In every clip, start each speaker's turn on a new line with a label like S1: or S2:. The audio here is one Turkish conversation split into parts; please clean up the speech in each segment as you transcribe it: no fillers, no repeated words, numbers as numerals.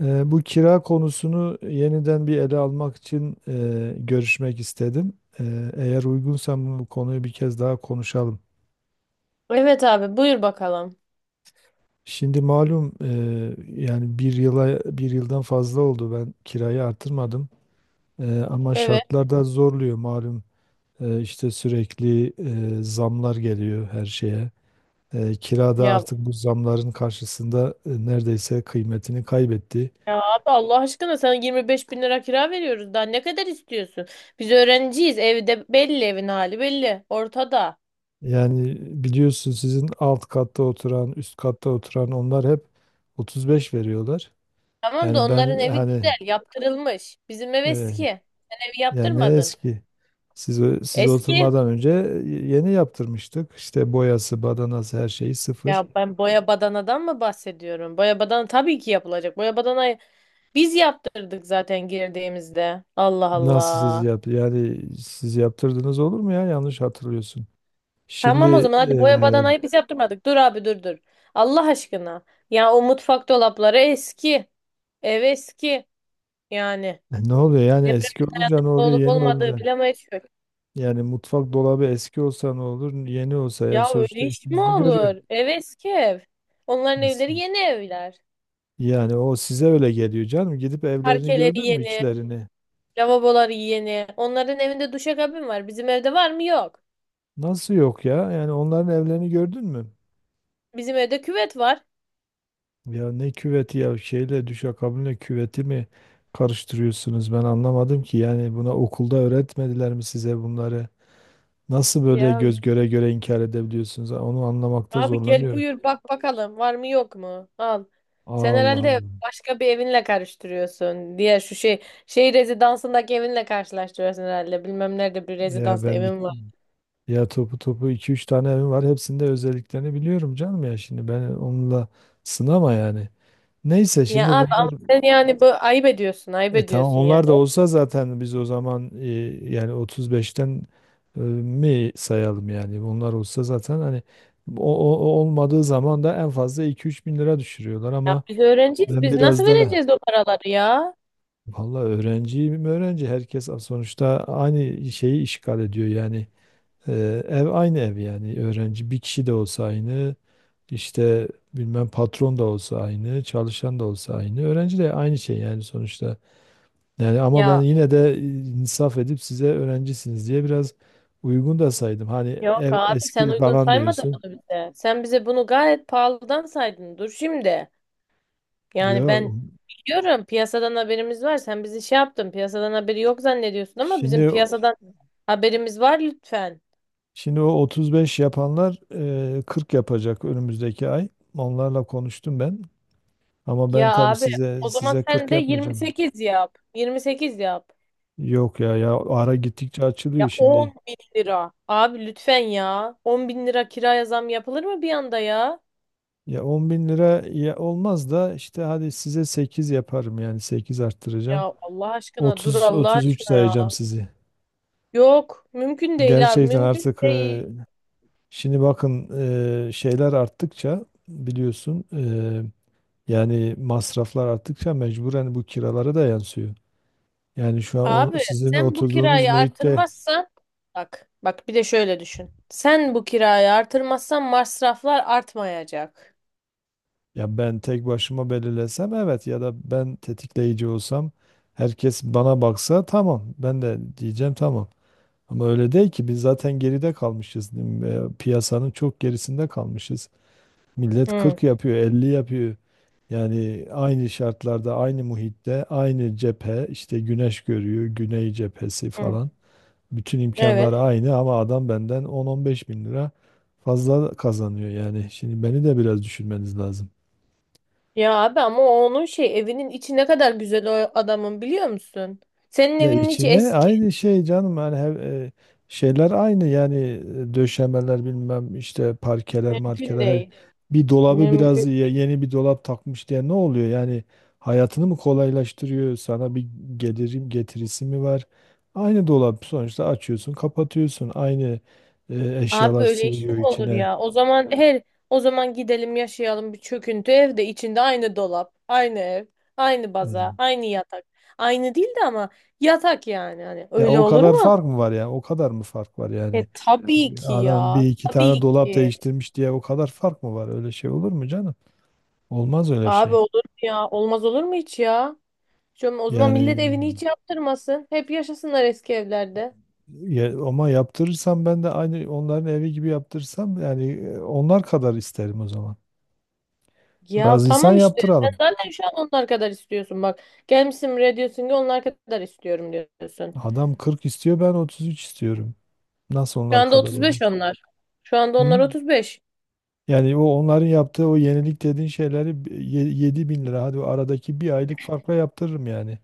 S1: Bu kira konusunu yeniden bir ele almak için görüşmek istedim. Eğer uygunsa bu konuyu bir kez daha konuşalım.
S2: Evet, abi, buyur bakalım.
S1: Şimdi malum yani bir yıldan fazla oldu ben kirayı artırmadım. Ama
S2: Evet.
S1: şartlar da zorluyor malum. İşte sürekli zamlar geliyor her şeye. Kira da
S2: Ya,
S1: artık bu zamların karşısında neredeyse kıymetini kaybetti.
S2: ya abi, Allah aşkına, sana 25 bin lira kira veriyoruz. Daha ne kadar istiyorsun? Biz öğrenciyiz. Evde belli, evin hali belli. Ortada.
S1: Yani biliyorsun sizin alt katta oturan, üst katta oturan onlar hep 35 veriyorlar.
S2: Tamam da
S1: Yani
S2: onların
S1: ben
S2: evi güzel
S1: hani
S2: yaptırılmış. Bizim ev
S1: evet,
S2: eski. Sen evi
S1: yani ne
S2: yaptırmadın.
S1: eski. Siz
S2: Eski.
S1: oturmadan önce yeni yaptırmıştık. İşte boyası, badanası her şeyi sıfır.
S2: Ya ben boya badanadan mı bahsediyorum? Boya badana tabii ki yapılacak. Boya badana biz yaptırdık zaten girdiğimizde. Allah
S1: Nasıl siz
S2: Allah.
S1: yaptı? Yani siz yaptırdınız olur mu ya? Yanlış hatırlıyorsun.
S2: Tamam, o
S1: Şimdi
S2: zaman hadi boya badanayı biz yaptırmadık. Dur abi, dur. Allah aşkına. Ya, o mutfak dolapları eski. Ev eski. Yani
S1: ne oluyor? Yani
S2: deprem
S1: eski olunca ne
S2: dayanıklı
S1: oluyor?
S2: olup
S1: Yeni
S2: olmadığı
S1: olunca.
S2: bilemeyiz ki.
S1: Yani mutfak dolabı eski olsa ne olur? Yeni olsa yani
S2: Ya öyle
S1: sonuçta
S2: iş mi
S1: işinizi görüyor.
S2: olur? Ev eski ev. Onların evleri yeni evler.
S1: Yani o size öyle geliyor canım. Gidip evlerini
S2: Parkeleri
S1: gördün mü
S2: yeni,
S1: içlerini?
S2: lavaboları yeni. Onların evinde duşakabin var. Bizim evde var mı? Yok.
S1: Nasıl yok ya? Yani onların evlerini gördün mü?
S2: Bizim evde küvet var.
S1: Ya ne küveti ya düşakabinle küveti mi karıştırıyorsunuz? Ben anlamadım ki. Yani buna okulda öğretmediler mi size bunları? Nasıl böyle
S2: Ya
S1: göz göre göre inkar edebiliyorsunuz? Onu anlamakta
S2: abi, gel
S1: zorlanıyorum.
S2: buyur bak bakalım, var mı yok mu? Al. Sen
S1: Allah
S2: herhalde
S1: Allah.
S2: başka bir evinle karıştırıyorsun. Diğer şu şey rezidansındaki evinle karşılaştırıyorsun herhalde. Bilmem nerede bir
S1: Ya
S2: rezidansta
S1: ben bir-
S2: evim var.
S1: Ya topu topu iki üç tane evim var. Hepsinde özelliklerini biliyorum canım ya. Şimdi ben onunla sınama yani. Neyse
S2: Ya
S1: şimdi
S2: abi, ama
S1: bunlar.
S2: sen yani bu ayıp ediyorsun, ayıp
S1: Tamam
S2: ediyorsun yani.
S1: onlar da olsa zaten biz o zaman yani 35'ten mi sayalım yani onlar olsa zaten hani o olmadığı zaman da en fazla 2-3 bin lira düşürüyorlar
S2: Ya
S1: ama
S2: biz öğrenciyiz.
S1: ben
S2: Biz nasıl
S1: biraz da
S2: vereceğiz o paraları ya?
S1: valla öğrenciyim öğrenci herkes sonuçta aynı şeyi işgal ediyor yani. E, Ev aynı ev yani öğrenci bir kişi de olsa aynı işte bilmem patron da olsa aynı çalışan da olsa aynı öğrenci de aynı şey yani sonuçta. Yani ama ben
S2: Ya
S1: yine de insaf edip size öğrencisiniz diye biraz uygun da saydım. Hani
S2: yok
S1: ev
S2: abi, sen
S1: eski
S2: uygun
S1: falan
S2: saymadın
S1: diyorsun.
S2: bunu bize. Sen bize bunu gayet pahalıdan saydın. Dur şimdi. Yani ben
S1: Diyor.
S2: biliyorum, piyasadan haberimiz var. Sen bizi şey yaptın, piyasadan haberi yok zannediyorsun ama bizim
S1: Şimdi
S2: piyasadan haberimiz var, lütfen.
S1: şimdi o 35 yapanlar 40 yapacak önümüzdeki ay. Onlarla konuştum ben. Ama
S2: Ya
S1: ben tabii
S2: abi,
S1: size
S2: o zaman
S1: size
S2: sen
S1: 40
S2: de
S1: yapmayacağım.
S2: 28 yap. 28 yap.
S1: Yok ya ya ara gittikçe
S2: Ya,
S1: açılıyor şimdi.
S2: 10 bin lira. Abi lütfen ya. 10 bin lira kiraya zam yapılır mı bir anda ya?
S1: Ya 10 bin lira ya olmaz da işte hadi size 8 yaparım yani 8 arttıracağım.
S2: Ya Allah aşkına, dur
S1: 30
S2: Allah
S1: 33
S2: aşkına ya.
S1: sayacağım sizi.
S2: Yok mümkün değil abi,
S1: Gerçekten
S2: mümkün
S1: artık
S2: değil.
S1: e, Şimdi bakın, şeyler arttıkça biliyorsun yani masraflar arttıkça mecburen bu kiralara da yansıyor. Yani şu an
S2: Abi,
S1: sizin
S2: sen bu
S1: oturduğunuz
S2: kirayı
S1: muhitte,
S2: artırmazsan, bak, bir de şöyle düşün. Sen bu kirayı artırmazsan masraflar artmayacak.
S1: ya ben tek başıma belirlesem evet ya da ben tetikleyici olsam, herkes bana baksa tamam ben de diyeceğim tamam. Ama öyle değil ki, biz zaten geride kalmışız. Değil mi? Piyasanın çok gerisinde kalmışız. Millet
S2: Hı,
S1: 40 yapıyor, 50 yapıyor. Yani aynı şartlarda, aynı muhitte, aynı cephe, işte güneş görüyor, güney cephesi
S2: hı.
S1: falan. Bütün imkanlar
S2: Evet.
S1: aynı ama adam benden 10-15 bin lira fazla kazanıyor yani. Şimdi beni de biraz düşünmeniz lazım.
S2: Ya abi, ama o onun şey evinin içi ne kadar güzel o adamın, biliyor musun? Senin
S1: Ya
S2: evinin içi
S1: içine
S2: eski.
S1: aynı şey canım yani şeyler aynı yani döşemeler bilmem işte parkeler
S2: Mümkün
S1: markeler
S2: değil.
S1: bir dolabı biraz
S2: Mümkün
S1: yeni bir dolap takmış diye ne oluyor yani, hayatını mı kolaylaştırıyor sana, bir gelirim getirisi mi var, aynı dolap sonuçta, açıyorsun kapatıyorsun aynı,
S2: Abi
S1: eşyalar
S2: böyle iş mi
S1: sığıyor
S2: olur
S1: içine.
S2: ya? O zaman o zaman gidelim yaşayalım bir çöküntü evde, içinde aynı dolap, aynı ev, aynı baza,
S1: E,
S2: aynı yatak. Aynı değil de ama yatak, yani hani
S1: Ya
S2: öyle
S1: o
S2: olur
S1: kadar
S2: mu?
S1: fark mı var yani, o kadar mı fark var
S2: E
S1: yani,
S2: tabii ki
S1: adam
S2: ya.
S1: bir iki tane
S2: Tabii
S1: dolap
S2: ki.
S1: değiştirmiş diye o kadar fark mı var, öyle şey olur mu canım? Olmaz öyle
S2: Abi
S1: şey.
S2: olur mu ya? Olmaz olur mu hiç ya? O zaman
S1: Yani
S2: millet evini hiç yaptırmasın. Hep yaşasınlar eski evlerde.
S1: ama yaptırırsam ben de aynı onların evi gibi yaptırırsam yani onlar kadar isterim o zaman.
S2: Ya
S1: Razıysan
S2: tamam işte. Sen
S1: yaptıralım.
S2: zaten şu an onlar kadar istiyorsun bak. Gelmişsin buraya diyorsun ki onlar kadar istiyorum diyorsun.
S1: Adam 40 istiyor ben 33 istiyorum. Nasıl
S2: Şu
S1: onlar
S2: anda
S1: kadar
S2: otuz
S1: olur?
S2: beş onlar. Şu anda
S1: Hı?
S2: onlar 35.
S1: Yani o onların yaptığı o yenilik dediğin şeyleri 7 bin lira hadi o aradaki bir aylık farkla yaptırırım yani.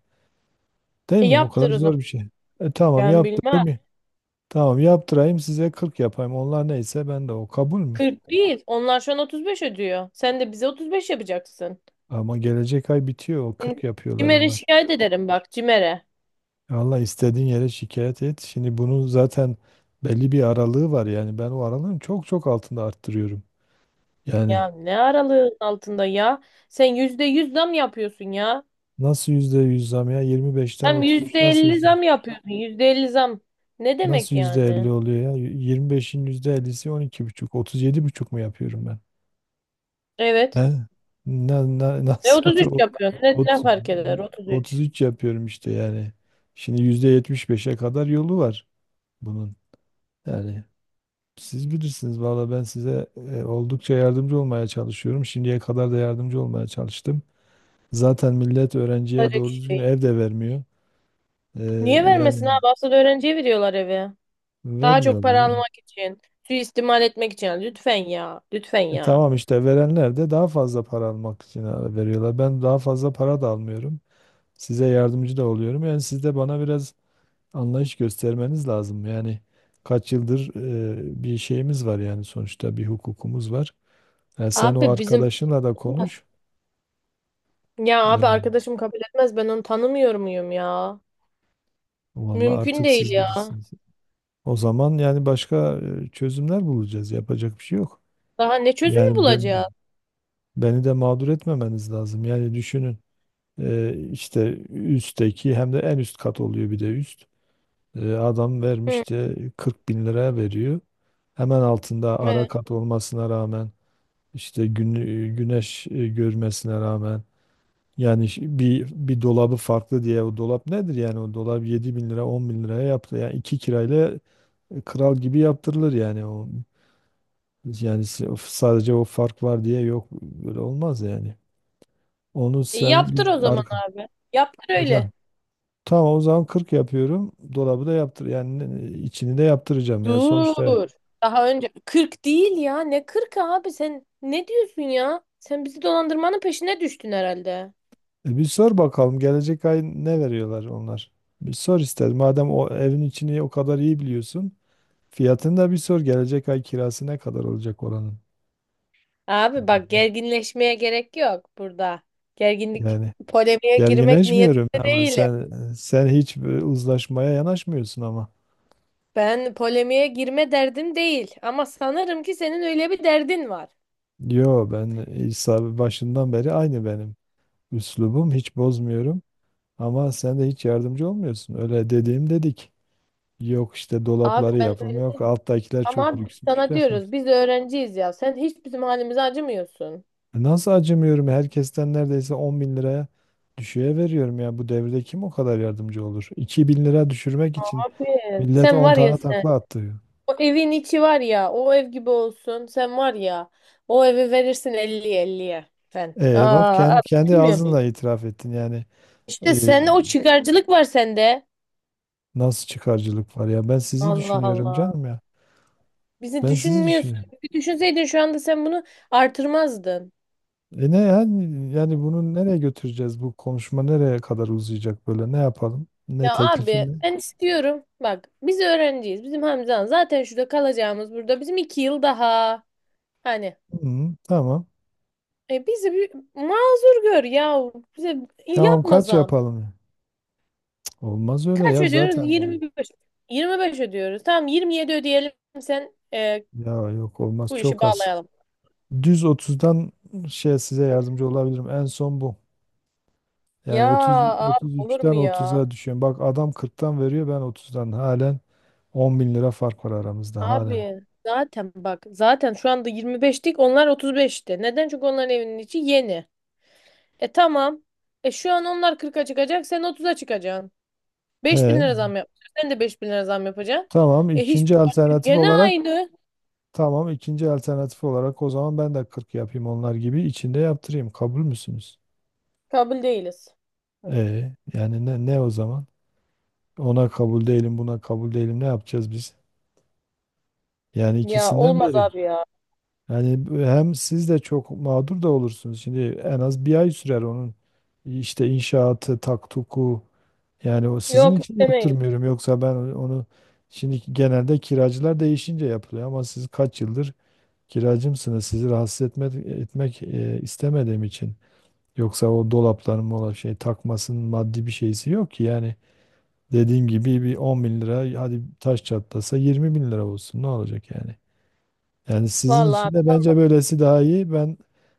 S1: Değil
S2: E
S1: mi? O kadar
S2: yaptır o zaman.
S1: zor bir şey. Tamam
S2: Ben bilmem.
S1: yaptırayım. Tamam yaptırayım size 40 yapayım. Onlar neyse ben de o, kabul mü?
S2: 40 değil. Onlar şu an 35 ödüyor. Sen de bize 35 yapacaksın.
S1: Ama gelecek ay bitiyor. O 40 yapıyorlar
S2: Cimer'e
S1: onlar.
S2: şikayet ederim, bak, Cimer'e.
S1: Allah istediğin yere şikayet et. Şimdi bunun zaten belli bir aralığı var. Yani ben o aralığın çok çok altında arttırıyorum. Yani
S2: Ya ne aralığın altında ya? Sen %100 zam yapıyorsun ya.
S1: nasıl %100 zam ya? 25'ten
S2: Hem
S1: 33
S2: yüzde
S1: nasıl
S2: elli
S1: yüzde?
S2: zam yapıyorsun. %50 zam. Ne demek
S1: Nasıl %50
S2: yani?
S1: oluyor ya? 25'in %50'si 12,5, buçuk, 37,5 mu yapıyorum ben? He?
S2: Evet. E
S1: Nasıl
S2: 33
S1: oldu?
S2: yapıyorsun. Ne,
S1: Ot-
S2: ne fark eder 33?
S1: 33 yapıyorum işte yani. Şimdi %75'e kadar yolu var bunun. Yani siz bilirsiniz valla, ben size oldukça yardımcı olmaya çalışıyorum. Şimdiye kadar da yardımcı olmaya çalıştım. Zaten millet
S2: Öyle
S1: öğrenciye doğru
S2: bir
S1: düzgün
S2: şey.
S1: ev de vermiyor. E,
S2: Niye
S1: Yani
S2: vermesin abi? Asıl öğrenciye veriyorlar evi. Daha çok para
S1: vermiyorlar.
S2: almak için, suistimal etmek için. Lütfen ya, lütfen ya.
S1: Tamam işte verenler de daha fazla para almak için veriyorlar. Ben daha fazla para da almıyorum. Size yardımcı da oluyorum. Yani siz de bana biraz anlayış göstermeniz lazım. Yani kaç yıldır bir şeyimiz var yani, sonuçta bir hukukumuz var. Yani sen o
S2: Abi bizim
S1: arkadaşınla da konuş.
S2: Ya abi,
S1: E,
S2: arkadaşım kabul etmez, ben onu tanımıyor muyum ya?
S1: Vallahi
S2: Mümkün
S1: artık
S2: değil
S1: siz
S2: ya.
S1: bilirsiniz. O zaman yani başka çözümler bulacağız. Yapacak bir şey yok.
S2: Daha ne çözümü
S1: Yani
S2: bulacağız?
S1: beni de mağdur etmemeniz lazım. Yani düşünün, işte üstteki hem de en üst kat oluyor bir de üst. Adam
S2: Hı,
S1: vermiş de 40 bin liraya veriyor. Hemen altında ara
S2: evet.
S1: kat olmasına rağmen, işte güneş görmesine rağmen. Yani bir dolabı farklı diye o dolap nedir yani, o dolap 7 bin lira 10 bin liraya yaptı yani, iki kirayla kral gibi yaptırılır yani. O yani o sadece o fark var diye, yok böyle olmaz yani. Onu
S2: E,
S1: sen
S2: yaptır o zaman
S1: arka
S2: abi. Yaptır
S1: e,
S2: öyle.
S1: Tamam, Tamam, o zaman 40 yapıyorum, dolabı da yaptır yani, içini de yaptıracağım yani sonuçta.
S2: Dur. Daha önce 40 değil ya. Ne 40 abi, sen ne diyorsun ya? Sen bizi dolandırmanın peşine düştün herhalde.
S1: Bir sor bakalım gelecek ay ne veriyorlar onlar, bir sor, ister madem o evin içini o kadar iyi biliyorsun. Fiyatını da bir sor. Gelecek ay kirası ne kadar olacak oranın?
S2: Abi bak, gerginleşmeye gerek yok burada. Gerginlik
S1: Yani
S2: polemiğe girmek
S1: gerginleşmiyorum
S2: niyetinde
S1: ama
S2: değilim.
S1: sen hiç bir uzlaşmaya yanaşmıyorsun ama.
S2: Ben polemiğe girme derdim değil ama sanırım ki senin öyle bir derdin var.
S1: Yo, ben İsa başından beri aynı benim. Üslubum hiç bozmuyorum ama sen de hiç yardımcı olmuyorsun. Öyle dediğim dedik. Yok işte
S2: Abi
S1: dolapları
S2: ben
S1: yapım, yok
S2: öyle-
S1: alttakiler
S2: Ama
S1: çok
S2: abi, biz
S1: lüksmüş
S2: sana
S1: defa.
S2: diyoruz biz öğrenciyiz ya. Sen hiç bizim halimize acımıyorsun.
S1: Nasıl acımıyorum? Herkesten neredeyse 10 bin liraya düşüğe veriyorum ya. Bu devirde kim o kadar yardımcı olur? 2 bin lira düşürmek için
S2: Abi,
S1: millet
S2: sen
S1: 10
S2: var ya
S1: tane
S2: sen.
S1: takla attı.
S2: O evin içi var ya, o ev gibi olsun. Sen var ya, o evi verirsin 50'ye, elliye. Sen.
S1: Bak
S2: Aa,
S1: kendi,
S2: abi,
S1: kendi
S2: bilmiyor muyum?
S1: ağzınla itiraf ettin yani.
S2: İşte
S1: E,
S2: sende o çıkarcılık var, sende.
S1: Nasıl çıkarcılık var ya? Ben sizi
S2: Allah
S1: düşünüyorum
S2: Allah.
S1: canım ya.
S2: Bizi
S1: Ben sizi
S2: düşünmüyorsun.
S1: düşünüyorum.
S2: Bir düşünseydin şu anda sen bunu artırmazdın.
S1: Ne yani bunu nereye götüreceğiz? Bu konuşma nereye kadar uzayacak böyle? Ne yapalım? Ne
S2: Ya
S1: teklifin
S2: abi,
S1: ne?
S2: ben istiyorum. Bak biz öğrenciyiz. Bizim Hamza'nın zaten şurada kalacağımız burada. Bizim 2 yıl daha. Hani
S1: Hı, tamam.
S2: bizi bir mazur gör ya. Bize
S1: Tamam,
S2: yapma
S1: kaç
S2: zam.
S1: yapalım? Cık, olmaz öyle
S2: Kaç
S1: ya
S2: ödüyoruz?
S1: zaten.
S2: 25. 25 ödüyoruz. Tamam, 27 ödeyelim. Sen
S1: Ya yok, olmaz
S2: bu işi
S1: çok az.
S2: bağlayalım.
S1: Düz 30'dan size yardımcı olabilirim. En son bu.
S2: Ya
S1: Yani 30
S2: abi, olur mu
S1: 33'ten
S2: ya?
S1: 30'a düşüyorum. Bak adam 40'tan veriyor ben 30'dan halen 10 bin lira fark var aramızda halen.
S2: Abi zaten bak, zaten şu anda 25'tik, onlar 35'ti. Neden? Çünkü onların evinin içi yeni. E tamam. E şu an onlar 40'a çıkacak, sen 30'a çıkacaksın. 5000
S1: He.
S2: lira zam yapacaksın. Sen de 5000 lira zam yapacaksın.
S1: Tamam
S2: E hiçbir
S1: ikinci
S2: fark yok.
S1: alternatif
S2: Gene
S1: olarak
S2: aynı.
S1: tamam, ikinci alternatif olarak o zaman ben de 40 yapayım, onlar gibi içinde yaptırayım. Kabul müsünüz?
S2: Kabul değiliz.
S1: Yani ne o zaman? Ona kabul değilim, buna kabul değilim, ne yapacağız biz? Yani
S2: Ya
S1: ikisinden
S2: olmaz
S1: biri.
S2: abi ya.
S1: Yani hem siz de çok mağdur da olursunuz. Şimdi en az bir ay sürer onun işte inşaatı, taktuku. Yani o sizin
S2: Yok
S1: için
S2: istemeyiz.
S1: yaptırmıyorum. Yoksa ben onu şimdi, genelde kiracılar değişince yapılıyor ama siz kaç yıldır kiracımsınız. Sizi rahatsız etmek istemediğim için. Yoksa o dolapların mola takmasının maddi bir şeysi yok ki. Yani dediğim gibi bir 10 bin lira, hadi taş çatlasa 20 bin lira olsun. Ne olacak yani? Yani sizin
S2: Vallahi
S1: için
S2: abi,
S1: de bence
S2: tamam.
S1: böylesi daha iyi. Ben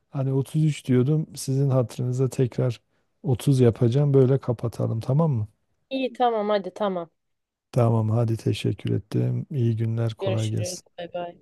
S1: hani 33 diyordum, sizin hatırınıza tekrar 30 yapacağım. Böyle kapatalım, tamam mı?
S2: İyi tamam hadi tamam.
S1: Tamam hadi, teşekkür ettim. İyi günler, kolay
S2: Görüşürüz.
S1: gelsin.
S2: Bay bay.